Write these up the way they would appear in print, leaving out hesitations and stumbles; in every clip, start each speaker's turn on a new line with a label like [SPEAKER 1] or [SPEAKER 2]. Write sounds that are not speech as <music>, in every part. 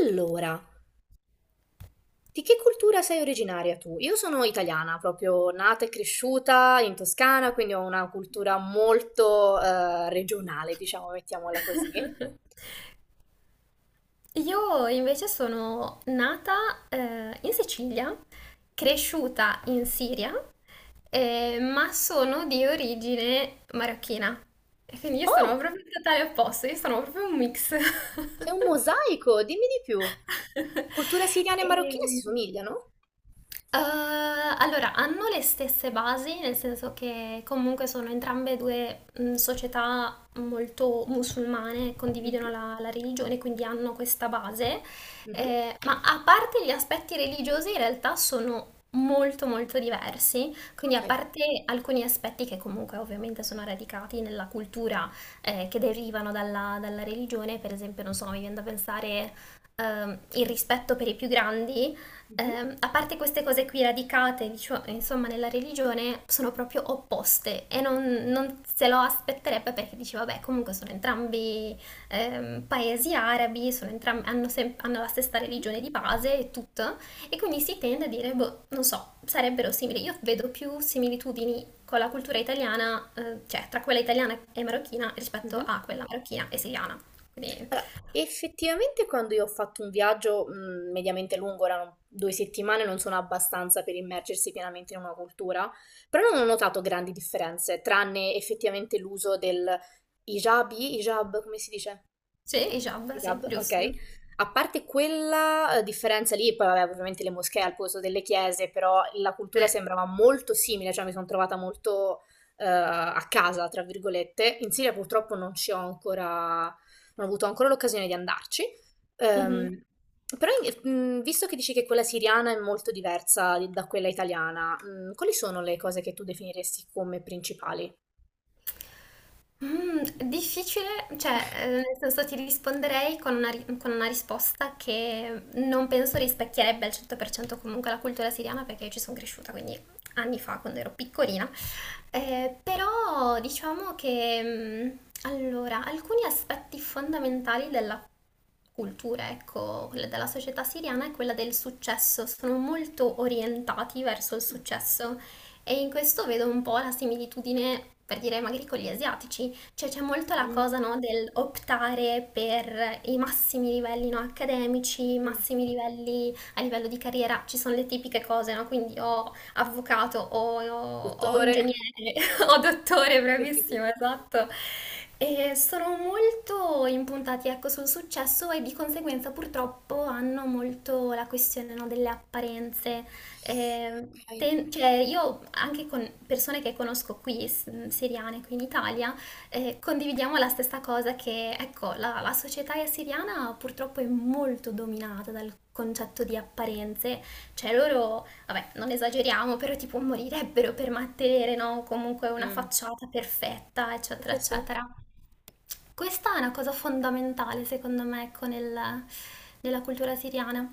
[SPEAKER 1] Allora, di che cultura sei originaria tu? Io sono italiana, proprio nata e cresciuta in Toscana, quindi ho una cultura molto regionale, diciamo, mettiamola così.
[SPEAKER 2] <laughs> Io invece sono nata in Sicilia, cresciuta in Siria, ma sono di origine marocchina. E quindi io sono
[SPEAKER 1] Oh,
[SPEAKER 2] proprio il totale opposto, io sono proprio un mix.
[SPEAKER 1] sei
[SPEAKER 2] <laughs>
[SPEAKER 1] un mosaico, dimmi di più.
[SPEAKER 2] <laughs>
[SPEAKER 1] Cultura siriana e marocchina
[SPEAKER 2] Ehm,
[SPEAKER 1] si somigliano?
[SPEAKER 2] Eh, allora, hanno le stesse basi, nel senso che comunque sono entrambe due società molto musulmane, condividono
[SPEAKER 1] Mhm,
[SPEAKER 2] la religione, quindi hanno questa base.
[SPEAKER 1] mhm.
[SPEAKER 2] Ma a parte gli aspetti religiosi, in realtà sono molto molto diversi, quindi a
[SPEAKER 1] Ok.
[SPEAKER 2] parte alcuni aspetti che comunque ovviamente sono radicati nella cultura, che derivano dalla religione. Per esempio, non so, mi viene da pensare, il rispetto per i più grandi.
[SPEAKER 1] Mhm,
[SPEAKER 2] A parte queste cose qui radicate, insomma, nella religione, sono proprio opposte e non se lo aspetterebbe, perché dice, vabbè, comunque sono entrambi paesi arabi, hanno, hanno la stessa religione di base e tutto, e quindi si tende a dire, boh, non so, sarebbero simili. Io vedo più similitudini con la cultura italiana, cioè tra quella italiana e marocchina
[SPEAKER 1] mhm,
[SPEAKER 2] rispetto
[SPEAKER 1] mhm.
[SPEAKER 2] a quella marocchina e siriana. Quindi
[SPEAKER 1] Allora, effettivamente quando io ho fatto un viaggio, mediamente lungo, erano 2 settimane, non sono abbastanza per immergersi pienamente in una cultura, però non ho notato grandi differenze, tranne effettivamente l'uso del hijab, hijab come si dice?
[SPEAKER 2] sì, hijab, sì,
[SPEAKER 1] Hijab, ok.
[SPEAKER 2] giusto.
[SPEAKER 1] A parte quella differenza lì, poi vabbè, ovviamente le moschee al posto delle chiese, però la cultura
[SPEAKER 2] Sì.
[SPEAKER 1] sembrava molto simile, cioè mi sono trovata molto a casa, tra virgolette. In Siria purtroppo non ci ho ancora, non ho avuto ancora l'occasione di andarci.
[SPEAKER 2] Mhm.
[SPEAKER 1] Ehm, Però in- visto che dici che quella siriana è molto diversa da quella italiana, quali sono le cose che tu definiresti come principali?
[SPEAKER 2] Mm, difficile, cioè, nel senso ti risponderei con una, con una risposta che non penso rispecchierebbe al 100% comunque la cultura siriana, perché io ci sono cresciuta, quindi anni fa quando ero piccolina. Però diciamo che, allora, alcuni aspetti fondamentali della cultura, ecco, quella della società siriana è quella del successo, sono molto orientati verso il successo, e in questo vedo un po' la similitudine, per dire, magari con gli asiatici, cioè c'è molto la cosa,
[SPEAKER 1] Mm,
[SPEAKER 2] no, del optare per i massimi livelli, no, accademici, i
[SPEAKER 1] mm.
[SPEAKER 2] massimi livelli a livello di carriera, ci sono le tipiche cose, no, quindi ho avvocato o, o ingegnere,
[SPEAKER 1] Dottore?
[SPEAKER 2] <laughs> o dottore, bravissimo,
[SPEAKER 1] <laughs>
[SPEAKER 2] esatto. E sono molto impuntati, ecco, sul successo, e di conseguenza purtroppo hanno molto la questione, no, delle apparenze.
[SPEAKER 1] Ok.
[SPEAKER 2] Cioè, io anche con persone che conosco qui, siriane, qui in Italia, condividiamo la stessa cosa che, ecco, la società siriana purtroppo è molto dominata dal concetto di apparenze, cioè loro, vabbè, non esageriamo, però tipo morirebbero per mantenere, no? Comunque una
[SPEAKER 1] Mm.
[SPEAKER 2] facciata perfetta,
[SPEAKER 1] Sì,
[SPEAKER 2] eccetera,
[SPEAKER 1] sì, sì.
[SPEAKER 2] eccetera. Questa è una cosa fondamentale, secondo me, ecco, nella cultura siriana.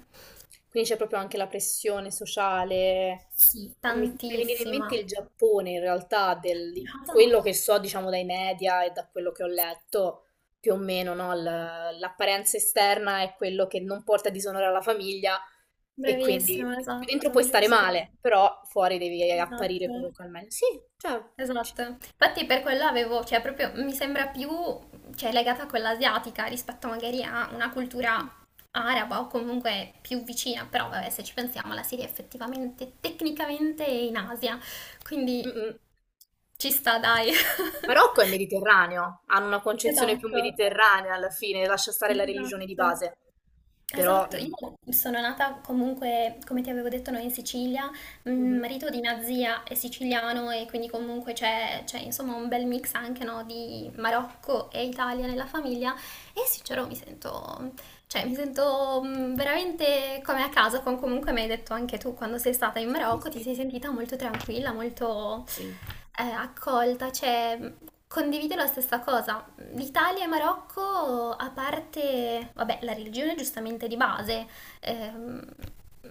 [SPEAKER 1] Quindi c'è proprio anche la pressione sociale.
[SPEAKER 2] Sì.
[SPEAKER 1] Mi fa venire in mente
[SPEAKER 2] Tantissima.
[SPEAKER 1] il Giappone, in realtà, di
[SPEAKER 2] Brava.
[SPEAKER 1] quello che so, diciamo, dai media e da quello che ho letto, più o meno, no? L'apparenza esterna è quello che non porta disonore alla famiglia e quindi
[SPEAKER 2] Bravissima,
[SPEAKER 1] dentro
[SPEAKER 2] esatto,
[SPEAKER 1] puoi stare
[SPEAKER 2] giusto.
[SPEAKER 1] male, però fuori devi apparire
[SPEAKER 2] Esatto.
[SPEAKER 1] comunque al meglio. Sì, cioè, ci-
[SPEAKER 2] Esatto, infatti per quello avevo, cioè proprio mi sembra più, cioè, legata a quella asiatica rispetto magari a una cultura araba, o comunque più vicina, però vabbè, se ci pensiamo la Siria effettivamente, tecnicamente è in Asia, quindi
[SPEAKER 1] Mh-mh.
[SPEAKER 2] ci sta,
[SPEAKER 1] Sì.
[SPEAKER 2] dai. <laughs>
[SPEAKER 1] Marocco è mediterraneo, hanno una concezione più
[SPEAKER 2] Esatto.
[SPEAKER 1] mediterranea alla fine, lascia stare la religione di
[SPEAKER 2] Esatto.
[SPEAKER 1] base. Però
[SPEAKER 2] Esatto, io
[SPEAKER 1] mh.
[SPEAKER 2] sono nata comunque, come ti avevo detto, noi in Sicilia, il
[SPEAKER 1] Mh-mh.
[SPEAKER 2] marito di mia zia è siciliano, e quindi comunque insomma un bel mix anche no, di Marocco e Italia nella famiglia, e sincero mi sento, cioè, mi sento veramente come a casa, comunque mi hai detto anche tu quando sei stata in
[SPEAKER 1] Sì, sì,
[SPEAKER 2] Marocco, ti
[SPEAKER 1] sì.
[SPEAKER 2] sei sentita molto tranquilla, molto
[SPEAKER 1] Sì.
[SPEAKER 2] accolta, cioè condivido la stessa cosa. L'Italia e Marocco, a parte, vabbè, la religione giustamente di base, ehm,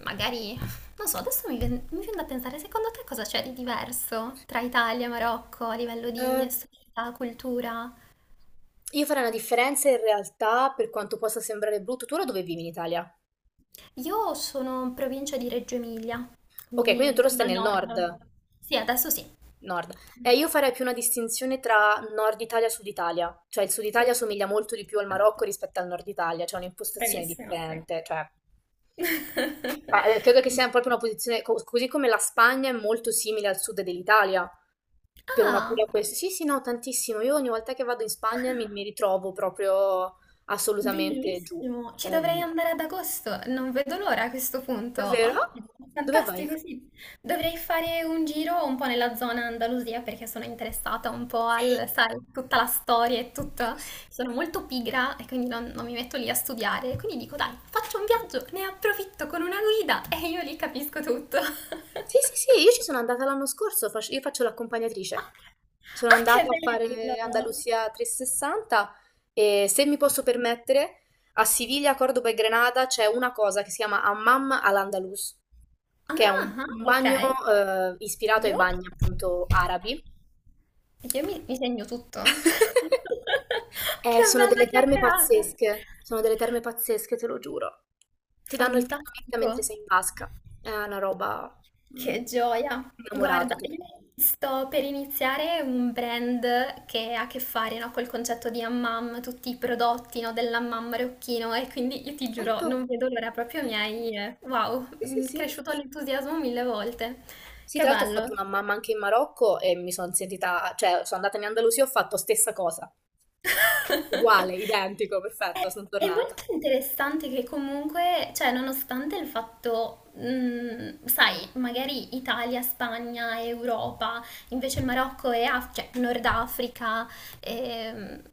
[SPEAKER 2] magari, non so, adesso mi viene da pensare, secondo te cosa c'è di diverso tra Italia e Marocco a livello di
[SPEAKER 1] Ehm,
[SPEAKER 2] società, cultura?
[SPEAKER 1] io farei una differenza in realtà, per quanto possa sembrare brutto. Tu ora dove vivi in Italia?
[SPEAKER 2] Io sono in provincia di Reggio Emilia,
[SPEAKER 1] Okay, quindi tu
[SPEAKER 2] quindi
[SPEAKER 1] ora
[SPEAKER 2] sono
[SPEAKER 1] stai
[SPEAKER 2] al
[SPEAKER 1] nel
[SPEAKER 2] nord.
[SPEAKER 1] nord
[SPEAKER 2] Sì, adesso sì.
[SPEAKER 1] nord. Io farei più una distinzione tra Nord Italia e Sud Italia, cioè il Sud
[SPEAKER 2] Tu?
[SPEAKER 1] Italia somiglia molto di più al Marocco
[SPEAKER 2] Assolutamente.
[SPEAKER 1] rispetto al Nord Italia, c'è un'impostazione
[SPEAKER 2] Bravissima, sì.
[SPEAKER 1] differente, cioè. Ma,
[SPEAKER 2] <laughs>
[SPEAKER 1] credo che sia proprio
[SPEAKER 2] Giusto.
[SPEAKER 1] una posizione, così come la Spagna è molto simile al sud dell'Italia, per una
[SPEAKER 2] Ah!
[SPEAKER 1] pura questione. Sì, sì, no, tantissimo. Io ogni volta che vado in Spagna mi ritrovo proprio assolutamente giù.
[SPEAKER 2] Bellissimo, ci
[SPEAKER 1] Cioè,
[SPEAKER 2] dovrei andare ad agosto, non vedo l'ora a questo punto.
[SPEAKER 1] davvero? Ah,
[SPEAKER 2] Ottimo,
[SPEAKER 1] dove vai?
[SPEAKER 2] fantastico, sì. Dovrei fare un giro un po' nella zona Andalusia perché sono interessata un po'
[SPEAKER 1] Sei
[SPEAKER 2] al, sai, tutta la storia e tutto. Sono molto pigra e quindi non mi metto lì a studiare. Quindi dico, dai, faccio un viaggio, ne approfitto con una guida, <laughs> e io lì capisco tutto. <laughs>
[SPEAKER 1] Sì, sì, sì, io ci sono andata l'anno scorso, io faccio l'accompagnatrice. Sono
[SPEAKER 2] Ah, che
[SPEAKER 1] andata a fare
[SPEAKER 2] bello!
[SPEAKER 1] Andalusia 360 e se mi posso permettere, a Siviglia, Cordoba e Granada c'è una cosa che si chiama Hammam al-Andalus, che è
[SPEAKER 2] Ah,
[SPEAKER 1] un,
[SPEAKER 2] ah,
[SPEAKER 1] un
[SPEAKER 2] ok.
[SPEAKER 1] bagno ispirato ai
[SPEAKER 2] Io?
[SPEAKER 1] bagni appunto arabi.
[SPEAKER 2] Mi segno tutto.
[SPEAKER 1] <laughs>
[SPEAKER 2] <laughs> Che
[SPEAKER 1] Sono
[SPEAKER 2] bella
[SPEAKER 1] delle terme
[SPEAKER 2] chiacchierata!
[SPEAKER 1] pazzesche, sono delle terme pazzesche, te lo giuro. Ti danno il termomix
[SPEAKER 2] Fantastico,
[SPEAKER 1] mentre sei in vasca. È una roba mm,
[SPEAKER 2] che gioia!
[SPEAKER 1] innamorata.
[SPEAKER 2] Guarda,
[SPEAKER 1] Tu.
[SPEAKER 2] io sto per iniziare un brand che ha a che fare, no, col concetto di Hammam, tutti i prodotti, no, dell'Hammam marocchino, e quindi io ti giuro,
[SPEAKER 1] Perfetto,
[SPEAKER 2] non vedo l'ora, proprio mi
[SPEAKER 1] perfetto.
[SPEAKER 2] hai, wow,
[SPEAKER 1] Sì, sì,
[SPEAKER 2] mi è
[SPEAKER 1] sì.
[SPEAKER 2] cresciuto l'entusiasmo mille volte.
[SPEAKER 1] Sì,
[SPEAKER 2] Che
[SPEAKER 1] tra l'altro ho
[SPEAKER 2] bello!
[SPEAKER 1] fatto una mamma anche in Marocco e mi sono sentita, cioè sono andata in Andalusia e ho fatto stessa cosa, uguale,
[SPEAKER 2] <laughs>
[SPEAKER 1] identico, perfetto,
[SPEAKER 2] È
[SPEAKER 1] sono
[SPEAKER 2] è
[SPEAKER 1] tornata.
[SPEAKER 2] molto interessante che comunque, cioè nonostante il fatto, sai, magari Italia, Spagna, Europa, invece il Marocco e cioè, Nord Africa, ehm,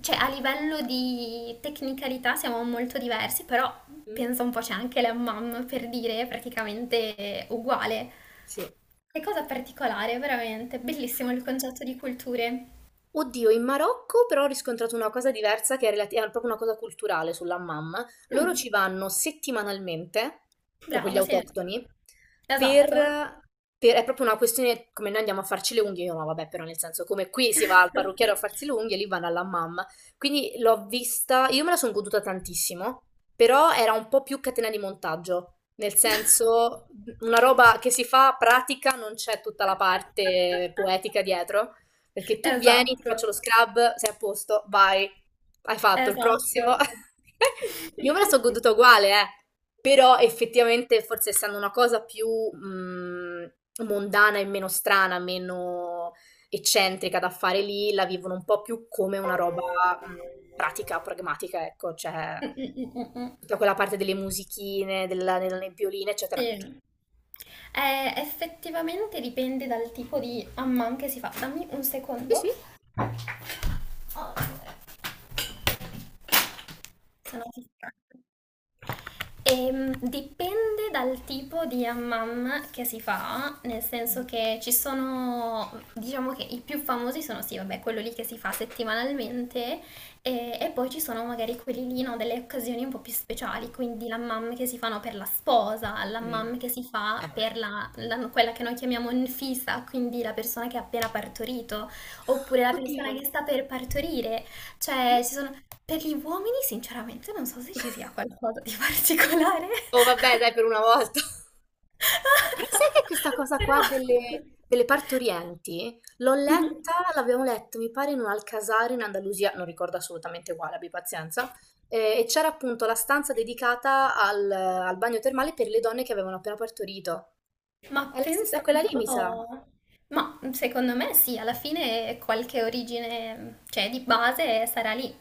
[SPEAKER 2] cioè a livello di tecnicalità siamo molto diversi, però
[SPEAKER 1] Mm.
[SPEAKER 2] penso un po' c'è anche l'hammam, per dire, è praticamente uguale.
[SPEAKER 1] Sì.
[SPEAKER 2] Che cosa particolare, veramente, bellissimo il concetto di culture.
[SPEAKER 1] Oddio, in Marocco però ho riscontrato una cosa diversa che è proprio una cosa culturale sull'hammam. Loro ci vanno settimanalmente, proprio gli
[SPEAKER 2] Brava, sì,
[SPEAKER 1] autoctoni, per,
[SPEAKER 2] esatto.
[SPEAKER 1] è proprio una questione come noi andiamo a farci le unghie, io no, vabbè, però nel senso come qui si va al parrucchiere a
[SPEAKER 2] <laughs>
[SPEAKER 1] farsi le unghie, lì vanno all'hammam. Quindi l'ho vista, io me la sono goduta tantissimo, però era un po' più catena di montaggio. Nel senso, una roba che si fa pratica, non c'è tutta la parte poetica dietro. Perché tu vieni, ti
[SPEAKER 2] Esatto,
[SPEAKER 1] faccio lo scrub, sei a posto, vai, hai fatto il
[SPEAKER 2] esatto.
[SPEAKER 1] prossimo. <laughs> Io me la so goduta uguale, eh. Però effettivamente, forse essendo una cosa più mm, mondana e meno strana, meno eccentrica da fare lì, la vivono un po' più come una roba mm, pratica, pragmatica, ecco, cioè
[SPEAKER 2] Mm-mm-mm-mm.
[SPEAKER 1] tutta quella parte delle musichine, della, delle nebbioline, eccetera. Cioè,
[SPEAKER 2] Sì. Effettivamente dipende dal tipo di amman che si fa. Dammi un
[SPEAKER 1] sì,
[SPEAKER 2] secondo.
[SPEAKER 1] sì.
[SPEAKER 2] Ah, sono fissato. Dipende dal tipo di hammam che si fa, nel senso
[SPEAKER 1] Mm,
[SPEAKER 2] che ci sono, diciamo che i più famosi sono sì, vabbè, quello lì che si fa settimanalmente, e poi ci sono magari quelli lì, no, delle occasioni un po' più speciali, quindi l'hammam che si fanno per la sposa,
[SPEAKER 1] mm.
[SPEAKER 2] l'hammam che si fa
[SPEAKER 1] Eh,
[SPEAKER 2] per quella che noi chiamiamo nfisa, quindi la persona che ha appena partorito, oppure la persona
[SPEAKER 1] oddio.
[SPEAKER 2] che sta per partorire. Cioè,
[SPEAKER 1] Mm.
[SPEAKER 2] ci sono... Per gli uomini, sinceramente, non so se ci sia qualcosa di particolare.
[SPEAKER 1] Oh vabbè, dai, per una volta. <laughs> Però sai che
[SPEAKER 2] <laughs>
[SPEAKER 1] questa cosa qua
[SPEAKER 2] Però...
[SPEAKER 1] delle partorienti l'ho
[SPEAKER 2] Mhm.
[SPEAKER 1] letta, l'abbiamo letta, mi pare, in un Alcasar in Andalusia, non ricordo assolutamente quale, abbi pazienza, e c'era appunto la stanza dedicata al bagno termale per le donne che avevano appena partorito. È
[SPEAKER 2] Ma
[SPEAKER 1] la stessa, è
[SPEAKER 2] pensa
[SPEAKER 1] quella
[SPEAKER 2] un
[SPEAKER 1] lì, mi sa.
[SPEAKER 2] po'. Ma secondo me sì, alla fine qualche origine, cioè di base sarà lì.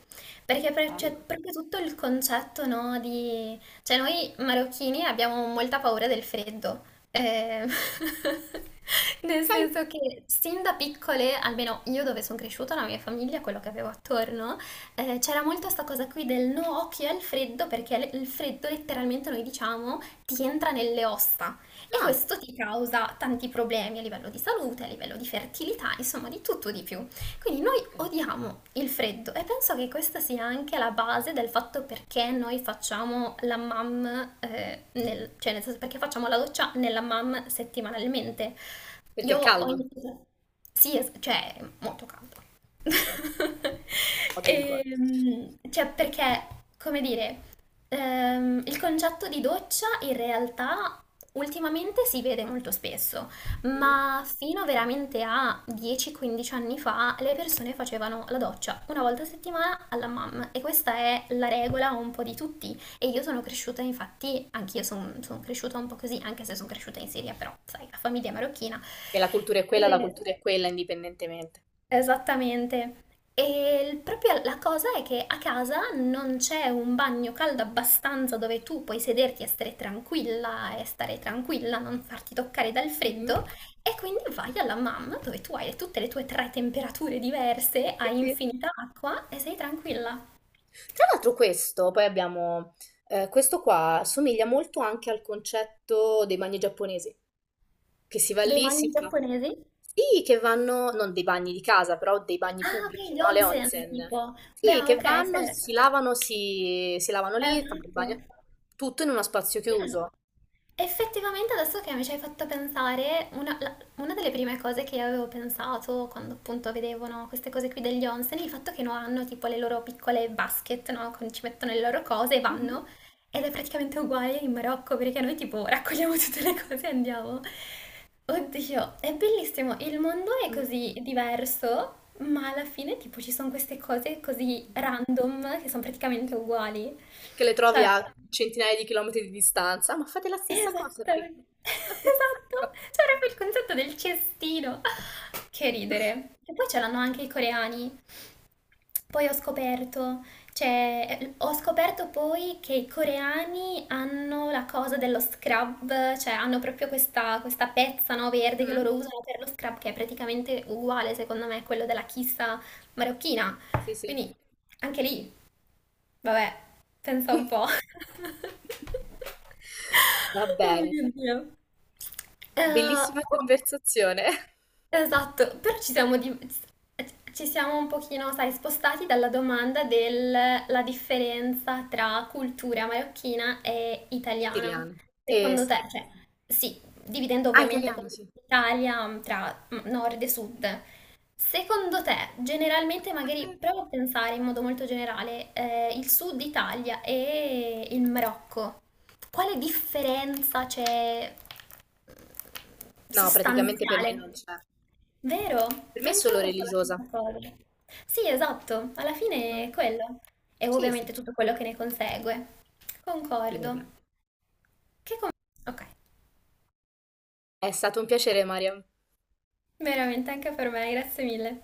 [SPEAKER 2] C'è
[SPEAKER 1] Bello.
[SPEAKER 2] proprio tutto il concetto, no, di... Cioè noi marocchini abbiamo molta paura del freddo. Eh, <laughs> nel
[SPEAKER 1] Ok.
[SPEAKER 2] senso che sin da piccole, almeno io dove sono cresciuta, la mia famiglia, quello che avevo attorno, c'era molto questa cosa qui del no occhio al freddo, perché il freddo letteralmente noi diciamo ti entra nelle ossa. E
[SPEAKER 1] Ah,
[SPEAKER 2] questo ti causa tanti problemi a livello di salute, a livello di fertilità, insomma di tutto di più. Quindi noi
[SPEAKER 1] ok.
[SPEAKER 2] odiamo il freddo, e penso che questa sia anche la base del fatto perché noi facciamo la mam, cioè nel senso perché facciamo la doccia nella mam settimanalmente.
[SPEAKER 1] Perché è
[SPEAKER 2] Io ho
[SPEAKER 1] caldo.
[SPEAKER 2] iniziato... Sì, cioè, è molto caldo. <laughs>
[SPEAKER 1] Ho dei ricordi.
[SPEAKER 2] Cioè, perché, come dire, il concetto di doccia in realtà ultimamente si vede molto spesso,
[SPEAKER 1] Mhm.
[SPEAKER 2] ma fino veramente a 10-15 anni fa le persone facevano la doccia una volta a settimana alla mamma, e questa è la regola un po' di tutti. E io sono cresciuta, infatti, anch'io son cresciuta un po' così, anche se sono cresciuta in Siria, però, sai, la famiglia è marocchina.
[SPEAKER 1] Se la cultura è quella, la
[SPEAKER 2] E-
[SPEAKER 1] cultura è quella, indipendentemente.
[SPEAKER 2] esattamente. Proprio la cosa è che a casa non c'è un bagno caldo abbastanza dove tu puoi sederti e stare tranquilla non farti toccare dal
[SPEAKER 1] Mhm.
[SPEAKER 2] freddo. E quindi vai alla mamma dove tu hai tutte le tue tre temperature diverse,
[SPEAKER 1] Sì,
[SPEAKER 2] hai
[SPEAKER 1] sì.
[SPEAKER 2] infinita acqua e sei tranquilla.
[SPEAKER 1] Tra l'altro questo, questo qua somiglia molto anche al concetto dei bagni giapponesi, che si va
[SPEAKER 2] Dei
[SPEAKER 1] lì, si
[SPEAKER 2] manghi
[SPEAKER 1] fa...
[SPEAKER 2] giapponesi?
[SPEAKER 1] Sì, che vanno, non dei bagni di casa, però dei bagni
[SPEAKER 2] Ah, ok,
[SPEAKER 1] pubblici,
[SPEAKER 2] gli
[SPEAKER 1] no? Le
[SPEAKER 2] onsen,
[SPEAKER 1] onsen.
[SPEAKER 2] tipo. Beh,
[SPEAKER 1] Sì, che
[SPEAKER 2] ok, se...
[SPEAKER 1] vanno, si lavano, si lavano lì, fanno il
[SPEAKER 2] Esatto.
[SPEAKER 1] bagno, tutto in uno spazio
[SPEAKER 2] Beh,
[SPEAKER 1] chiuso.
[SPEAKER 2] effettivamente adesso che mi ci hai fatto pensare, una, una delle prime cose che io avevo pensato quando appunto vedevo no, queste cose qui degli onsen, il fatto che no, hanno tipo le loro piccole basket, no, ci mettono le loro cose e
[SPEAKER 1] Mhm.
[SPEAKER 2] vanno, ed è praticamente uguale in Marocco perché noi tipo raccogliamo <laughs> tutte le cose e andiamo. Oddio, è bellissimo, il mondo è
[SPEAKER 1] Mm.
[SPEAKER 2] così diverso, ma alla fine tipo ci sono queste cose così random che sono praticamente uguali.
[SPEAKER 1] Che le trovi
[SPEAKER 2] Cioè...
[SPEAKER 1] a centinaia di chilometri di distanza, ma fate la stessa cosa qui.
[SPEAKER 2] Esattamente, <laughs>
[SPEAKER 1] Vabbè.
[SPEAKER 2] esatto, c'è proprio il concetto del cestino. <laughs> Che ridere.
[SPEAKER 1] <laughs>
[SPEAKER 2] E poi ce l'hanno anche i coreani. Poi ho scoperto, cioè, ho scoperto poi che i coreani hanno la cosa dello scrub, cioè hanno proprio questa pezza, no, verde che
[SPEAKER 1] Mm.
[SPEAKER 2] loro usano per lo scrub, che è praticamente uguale, secondo me, a quello della kissa marocchina.
[SPEAKER 1] Sì, sì.
[SPEAKER 2] Quindi, anche lì, vabbè, pensa un po'. <laughs>
[SPEAKER 1] Va
[SPEAKER 2] Oh
[SPEAKER 1] bene,
[SPEAKER 2] mio Dio. Eh,
[SPEAKER 1] bellissima
[SPEAKER 2] però-
[SPEAKER 1] conversazione.
[SPEAKER 2] esatto, però ci siamo, ci siamo un pochino, sai, spostati dalla domanda della differenza tra cultura marocchina e
[SPEAKER 1] <laughs>
[SPEAKER 2] italiana.
[SPEAKER 1] Siriano. Eh,
[SPEAKER 2] Secondo
[SPEAKER 1] s-
[SPEAKER 2] te, cioè, sì, dividendo
[SPEAKER 1] ah,
[SPEAKER 2] ovviamente con
[SPEAKER 1] italiano, sì.
[SPEAKER 2] l'Italia tra nord e sud, secondo te, generalmente, magari provo a
[SPEAKER 1] <laughs>
[SPEAKER 2] pensare in modo molto generale, il sud Italia e il Marocco, quale differenza c'è?
[SPEAKER 1] No, praticamente per me non
[SPEAKER 2] Sostanziale.
[SPEAKER 1] c'è.
[SPEAKER 2] Vero?
[SPEAKER 1] Per me è
[SPEAKER 2] Anch'io
[SPEAKER 1] solo
[SPEAKER 2] penso la
[SPEAKER 1] religiosa.
[SPEAKER 2] stessa cosa. Sì, esatto, alla fine è
[SPEAKER 1] Mm.
[SPEAKER 2] quello. E
[SPEAKER 1] Sì, sì.
[SPEAKER 2] ovviamente tutto quello che ne consegue.
[SPEAKER 1] Sì, vabbè.
[SPEAKER 2] Concordo. Che com- ok,
[SPEAKER 1] È stato un piacere, Maria.
[SPEAKER 2] veramente anche per me, grazie mille.